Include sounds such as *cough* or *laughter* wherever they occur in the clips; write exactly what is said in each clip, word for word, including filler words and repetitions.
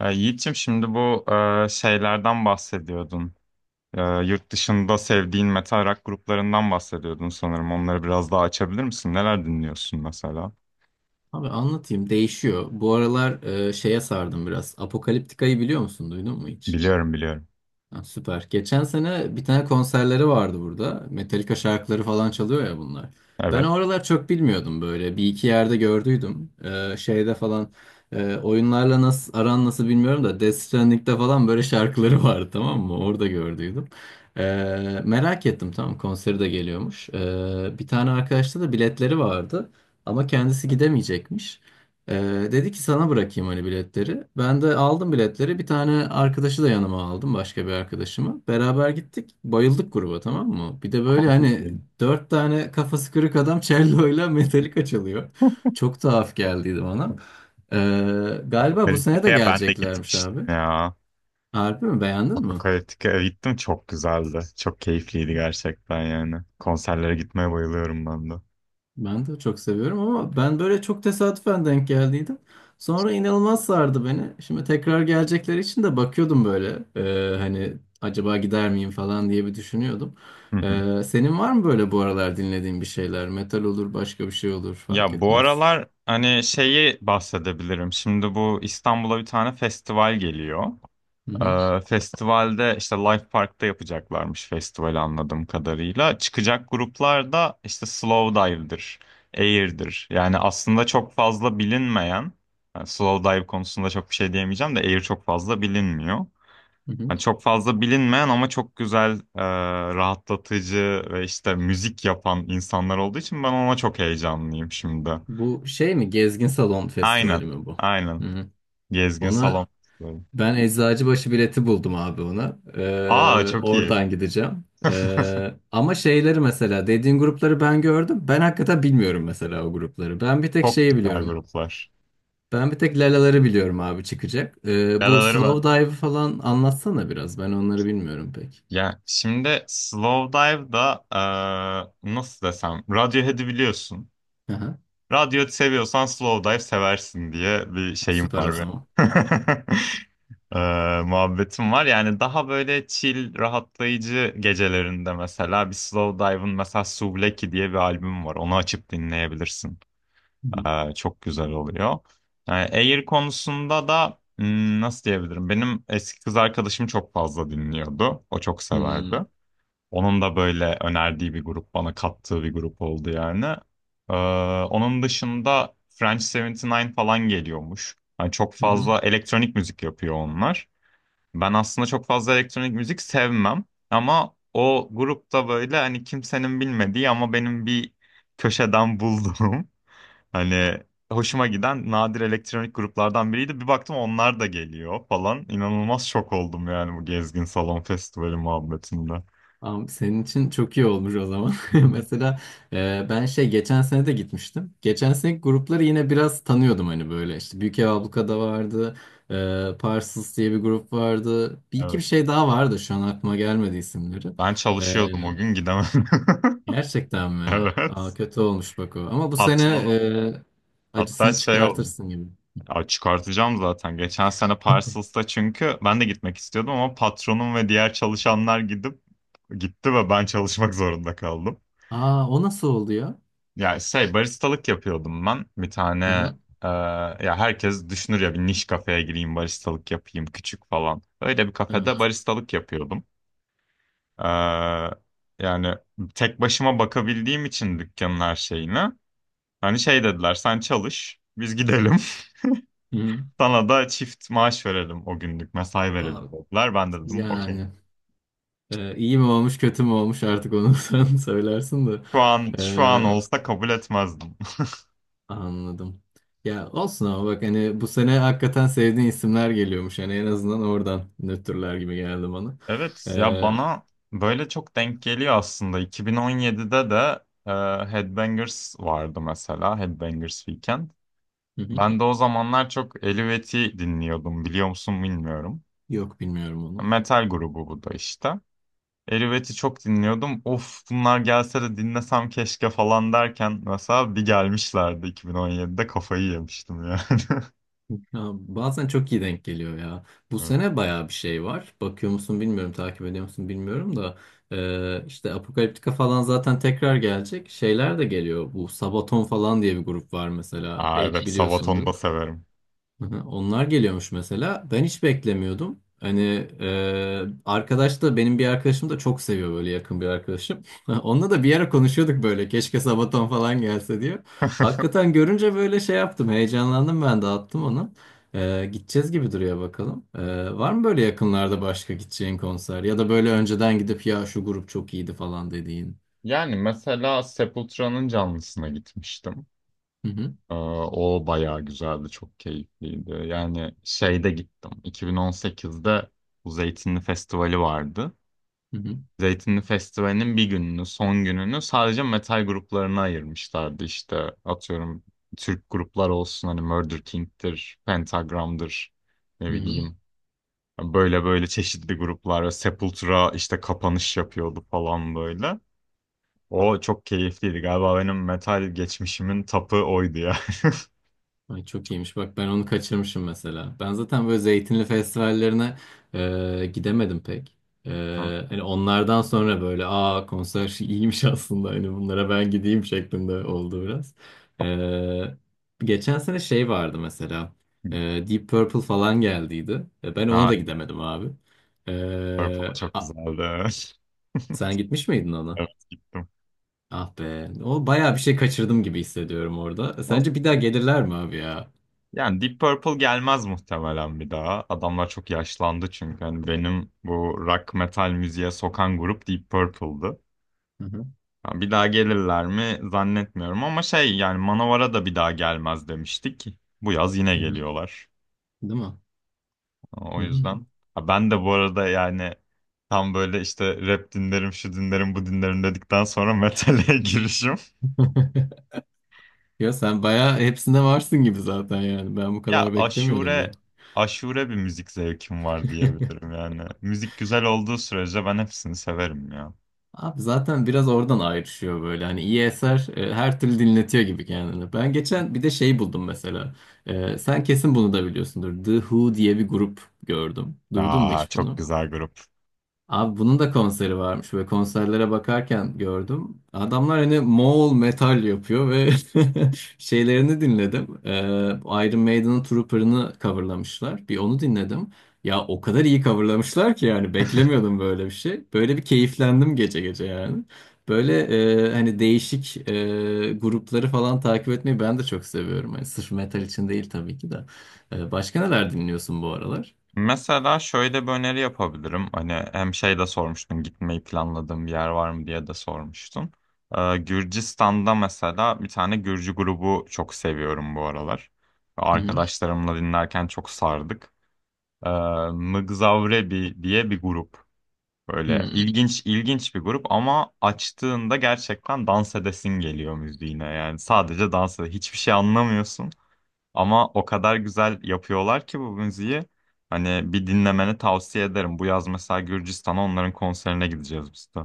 E, Yiğit'ciğim şimdi bu e, şeylerden bahsediyordun. E, yurt dışında sevdiğin metal rock gruplarından bahsediyordun sanırım. Onları biraz daha açabilir misin? Neler dinliyorsun mesela? Abi anlatayım. Değişiyor. Bu aralar e, şeye sardım biraz. Apokaliptika'yı biliyor musun? Duydun mu hiç? Biliyorum biliyorum. Ha, süper. Geçen sene bir tane konserleri vardı burada. Metallica şarkıları falan çalıyor ya bunlar. Ben Evet. o aralar çok bilmiyordum böyle. Bir iki yerde gördüydüm. E, şeyde falan e, oyunlarla nasıl aran nasıl bilmiyorum da Death Stranding'de falan böyle şarkıları vardı, tamam mı? Orada gördüydüm. E, merak ettim, tamam, konseri de geliyormuş. E, bir tane arkadaşta da biletleri vardı. Ama kendisi gidemeyecekmiş. Ee, dedi ki sana bırakayım hani biletleri. Ben de aldım biletleri. Bir tane arkadaşı da yanıma aldım. Başka bir arkadaşımı. Beraber gittik. Bayıldık gruba, tamam mı? Bir de böyle Çok hani iyi. dört tane kafası kırık adam cello'yla *laughs* Metallica çalıyor. Çok tuhaf geldiydi bana. Ee, galiba bu sene de Apokaliptika'ya ben de geleceklermiş gitmiştim abi. ya. Harbi mi? Beğendin mi? Apokaliptika'ya gittim, çok güzeldi. Çok keyifliydi gerçekten yani. Konserlere gitmeye bayılıyorum ben de. Ben de çok seviyorum ama ben böyle çok tesadüfen denk geldiydim. Sonra inanılmaz sardı beni. Şimdi tekrar gelecekleri için de bakıyordum böyle. Ee, hani acaba gider miyim falan diye bir düşünüyordum. Hı hı. Ee, senin var mı böyle bu aralar dinlediğin bir şeyler? Metal olur, başka bir şey olur, fark Ya bu etmez. aralar hani şeyi bahsedebilirim. Şimdi bu İstanbul'a bir tane festival geliyor. Hı hı, Ee, festivalde işte Life Park'ta yapacaklarmış festivali anladığım kadarıyla. Çıkacak gruplar da işte Slowdive'dir, Air'dir. Yani aslında çok fazla bilinmeyen, yani Slowdive konusunda çok bir şey diyemeyeceğim de Air çok fazla bilinmiyor. hı hı. Yani çok fazla bilinmeyen ama çok güzel, e, rahatlatıcı ve işte müzik yapan insanlar olduğu için ben ona çok heyecanlıyım şimdi. Bu şey mi? Gezgin Salon Aynen, Festivali mi bu? aynen. Hı hı. Gezgin Ona Salon. Ben Eczacıbaşı bileti buldum abi ona. Aa, Ee, çok iyi. oradan *laughs* gideceğim. Ee, ama şeyleri mesela dediğin grupları ben gördüm. Ben hakikaten bilmiyorum mesela o grupları. Ben bir tek Çok şeyi güzel biliyorum. gruplar. Ben bir tek Lalaları biliyorum abi çıkacak. Ee, bu Yaraları ben. Slow Dive'ı falan anlatsana biraz. Ben onları bilmiyorum pek. Ya şimdi Slow Dive'da eee, nasıl desem, Radiohead'i biliyorsun. Aha. Radiohead seviyorsan Slow Dive seversin diye bir Ha, şeyim süper o var benim. zaman. *laughs* Eee, muhabbetim var. Yani daha böyle chill, rahatlayıcı gecelerinde mesela bir Slow Dive'ın mesela Souvlaki diye bir albüm var. Onu açıp dinleyebilirsin. Hı Ee, çok güzel oluyor. Ee, Air konusunda da hmm, nasıl diyebilirim? Benim eski kız arkadaşım çok fazla dinliyordu. O çok hı. severdi. Onun da böyle önerdiği bir grup, bana kattığı bir grup oldu yani. Ee, Onun dışında French yetmiş dokuz falan geliyormuş. Yani çok Hı hı. fazla elektronik müzik yapıyor onlar. Ben aslında çok fazla elektronik müzik sevmem. Ama o grupta böyle hani kimsenin bilmediği ama benim bir köşeden *laughs* bulduğum hani hoşuma giden nadir elektronik gruplardan biriydi. Bir baktım onlar da geliyor falan. İnanılmaz şok oldum yani bu Gezgin Salon Festivali muhabbetinde. Tamam, senin için çok iyi olmuş o zaman. *laughs* Mesela e, ben şey geçen sene de gitmiştim. Geçen sene grupları yine biraz tanıyordum hani böyle işte Büyük Ev Abluka'da vardı. E, Parsons diye bir grup vardı. Bir iki bir Evet. şey daha vardı şu an aklıma gelmedi isimleri. Ben E, çalışıyordum o gün, gidemedim. gerçekten *laughs* mi? Evet. Aa, kötü olmuş bak o. Ama bu sene Patronum. e, Hatta acısını şey oldu. çıkartırsın gibi. Ya çıkartacağım zaten. Geçen sene *laughs* Parcels'ta çünkü ben de gitmek istiyordum ama patronum ve diğer çalışanlar gidip gitti ve ben çalışmak zorunda kaldım. Aa, o nasıl oldu ya? Ya şey, baristalık yapıyordum ben. Bir tane Hı hı, e, ya herkes düşünür ya bir niş kafeye gireyim baristalık yapayım küçük falan. Öyle bir kafede evet. baristalık yapıyordum. E, Yani tek başıma bakabildiğim için dükkanın her şeyine. Hani şey dediler, sen çalış biz gidelim. Hı hı. *laughs* Sana da çift maaş verelim, o günlük mesai verelim Aa, dediler. Ben de dedim okey. yani. Ee, iyi mi olmuş kötü mü olmuş artık onu *laughs* sen söylersin de. Şu an şu an Ee, olsa kabul etmezdim. anladım. Ya olsun ama bak hani bu sene hakikaten sevdiğin isimler geliyormuş. Hani en azından oradan nötrler gibi geldi bana. Ee, Evet ya, hı bana böyle çok denk geliyor aslında. iki bin on yedide de e, Headbangers vardı mesela. Headbangers Weekend. hı. Ben de o zamanlar çok Elüvet'i dinliyordum. Biliyor musun bilmiyorum. Yok bilmiyorum onu. Metal grubu bu da işte. Elüvet'i çok dinliyordum. Of, bunlar gelse de dinlesem keşke falan derken mesela bir gelmişlerdi iki bin on yedide, kafayı yemiştim yani. *laughs* Ya, bazen çok iyi denk geliyor ya. Bu Evet. sene bayağı bir şey var. Bakıyor musun bilmiyorum, takip ediyor musun bilmiyorum da. Ee, işte Apokaliptika falan zaten tekrar gelecek. Şeyler de geliyor. Bu Sabaton falan diye bir grup var mesela. Aa Belki evet, Sabaton'u biliyorsundur. da severim. Hı hı. Onlar geliyormuş mesela. Ben hiç beklemiyordum. Hani e, arkadaş da benim bir arkadaşım da çok seviyor böyle, yakın bir arkadaşım. *laughs* Onunla da bir ara konuşuyorduk böyle, keşke Sabaton falan gelse diyor. Hakikaten görünce böyle şey yaptım, heyecanlandım, ben de attım onu. E, gideceğiz gibi duruyor bakalım. E, var mı böyle yakınlarda başka gideceğin konser ya da böyle önceden gidip ya şu grup çok iyiydi falan dediğin? Yani mesela Sepultura'nın canlısına gitmiştim. Hı hı, Ee, O bayağı güzeldi, çok keyifliydi. Yani şeyde gittim. iki bin on sekizde bu Zeytinli Festivali vardı. hı hı, Zeytinli Festivali'nin bir gününü, son gününü sadece metal gruplarına ayırmışlardı. İşte atıyorum, Türk gruplar olsun, hani Murder King'tir, Pentagram'dır, ne hı hı. bileyim. Böyle böyle çeşitli gruplar ve Sepultura işte kapanış yapıyordu falan böyle. O çok keyifliydi. Galiba benim metal geçmişimin tapı oydu ya. Ay, çok iyiymiş. Bak ben onu kaçırmışım mesela. Ben zaten böyle zeytinli festivallerine e, gidemedim pek. E, hani onlardan sonra böyle, aa konser *laughs* şey iyiymiş aslında, hani bunlara ben gideyim şeklinde oldu biraz. E, geçen sene şey vardı mesela. E, *laughs* Deep Purple falan geldiydi. E, ben ona Ha, da gidemedim abi. Purple E, çok a- güzeldi. *laughs* sen gitmiş miydin ona? Evet, gittim. Ah be. O bayağı bir şey kaçırdım gibi hissediyorum orada. E, Olsun sence bir daha ya. gelirler mi abi ya? Yani Deep Purple gelmez muhtemelen bir daha. Adamlar çok yaşlandı çünkü. Hani benim bu rock metal müziğe sokan grup Deep Purple'dı. Hı hı. Yani bir daha gelirler mi zannetmiyorum ama şey, yani Manowar'a da bir daha gelmez demiştik. Bu yaz yine Hı hı. geliyorlar. Değil mi? O Hmm. yüzden. Ha, ben de bu arada yani tam böyle işte rap dinlerim, şu dinlerim, bu dinlerim dedikten sonra metale *laughs* girişim. *laughs* Ya sen bayağı hepsinde varsın gibi zaten yani. Ben bu Ya kadar beklemiyordum böyle. aşure aşure bir müzik zevkim var diyebilirim yani. Müzik güzel olduğu sürece ben hepsini severim ya. Abi zaten biraz oradan ayrışıyor böyle. Hani iyi eser e, her türlü dinletiyor gibi kendini. Ben geçen bir de şey buldum mesela. E, sen kesin bunu da biliyorsundur. The Who diye bir grup gördüm. Duydun mu Aa hiç çok bunu? güzel grup. Abi bunun da konseri varmış ve konserlere bakarken gördüm. Adamlar hani Moğol metal yapıyor ve *laughs* şeylerini dinledim. Ee, Iron Maiden'ın Trooper'ını coverlamışlar. Bir onu dinledim. Ya o kadar iyi coverlamışlar ki yani beklemiyordum böyle bir şey. Böyle bir keyiflendim gece gece yani. Böyle e, hani değişik e, grupları falan takip etmeyi ben de çok seviyorum. Hani sırf metal için değil tabii ki de. Ee, başka neler dinliyorsun bu aralar? Mesela şöyle bir öneri yapabilirim. Hani hem şey de sormuştun, gitmeyi planladığım bir yer var mı diye de sormuştun. Ee, Gürcistan'da mesela bir tane Gürcü grubu çok seviyorum bu aralar. Hı hı. Arkadaşlarımla dinlerken çok sardık. Ee, Mgzavrebi diye bir grup. Böyle Hı. ilginç ilginç bir grup ama açtığında gerçekten dans edesin geliyor müziğine. Yani sadece dans ede- hiçbir şey anlamıyorsun ama o kadar güzel yapıyorlar ki bu müziği. Hani bir dinlemeni tavsiye ederim. Bu yaz mesela Gürcistan'a onların konserine gideceğiz biz de.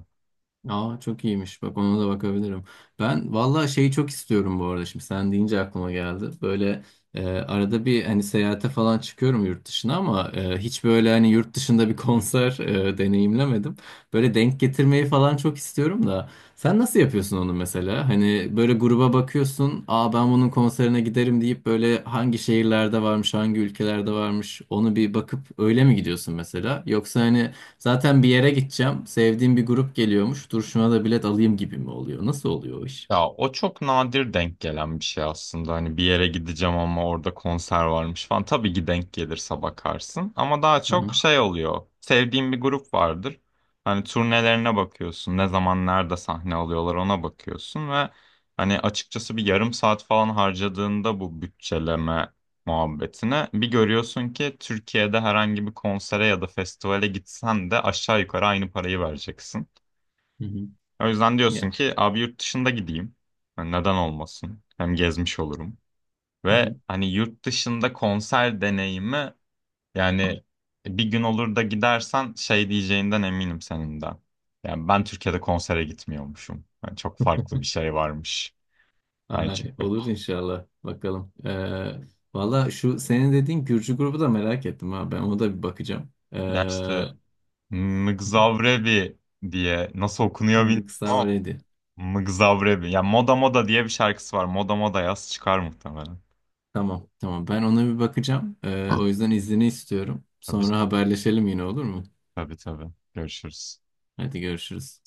Aa, çok iyiymiş. Bak ona da bakabilirim. Ben vallahi şeyi çok istiyorum bu arada. Şimdi sen deyince aklıma geldi. Böyle e, arada bir hani seyahate falan çıkıyorum yurt dışına ama e, hiç böyle hani yurt dışında bir *laughs* konser e, deneyimlemedim. Böyle denk getirmeyi falan çok istiyorum da. Sen nasıl yapıyorsun onu mesela? Hani böyle gruba bakıyorsun. Aa, ben bunun konserine giderim deyip böyle hangi şehirlerde varmış, hangi ülkelerde varmış onu bir bakıp öyle mi gidiyorsun mesela? Yoksa hani zaten bir yere gideceğim, sevdiğim bir grup geliyormuş, dur şuna da bilet alayım gibi mi oluyor? Nasıl oluyor o iş? Ya o çok nadir denk gelen bir şey aslında. Hani bir yere gideceğim ama orada konser varmış falan. Tabii ki denk gelirse bakarsın. Ama daha çok Aha. şey oluyor. Sevdiğin bir grup vardır. Hani turnelerine bakıyorsun. Ne zaman nerede sahne alıyorlar ona bakıyorsun ve hani açıkçası bir yarım saat falan harcadığında bu bütçeleme muhabbetine bir görüyorsun ki Türkiye'de herhangi bir konsere ya da festivale gitsen de aşağı yukarı aynı parayı vereceksin. Hı hı. O yüzden diyorsun Ya. ki abi yurt dışında gideyim. Yani neden olmasın? Hem gezmiş olurum. Hı hı. Ve hani yurt dışında konser deneyimi yani bir gün olur da gidersen şey diyeceğinden eminim senin de. Yani ben Türkiye'de konsere gitmiyormuşum. Yani çok farklı bir şey varmış. *laughs* Yani Ay, çünkü olur inşallah. Bakalım. Ee, valla şu senin dediğin Gürcü grubu da merak ettim ha. Ben ona da bir bakacağım. ya işte Ee, Mgzavrebi diye nasıl okunuyor bilmiyorum ama Nixavre'di. Mgzavrebi. Ya Moda Moda diye bir şarkısı var. Moda Moda yaz, çıkar muhtemelen. Tamam, tamam. Ben ona bir bakacağım. Ee, o yüzden iznini istiyorum. Tabii, Sonra haberleşelim yine, olur mu? tabii tabii. Görüşürüz. Hadi görüşürüz.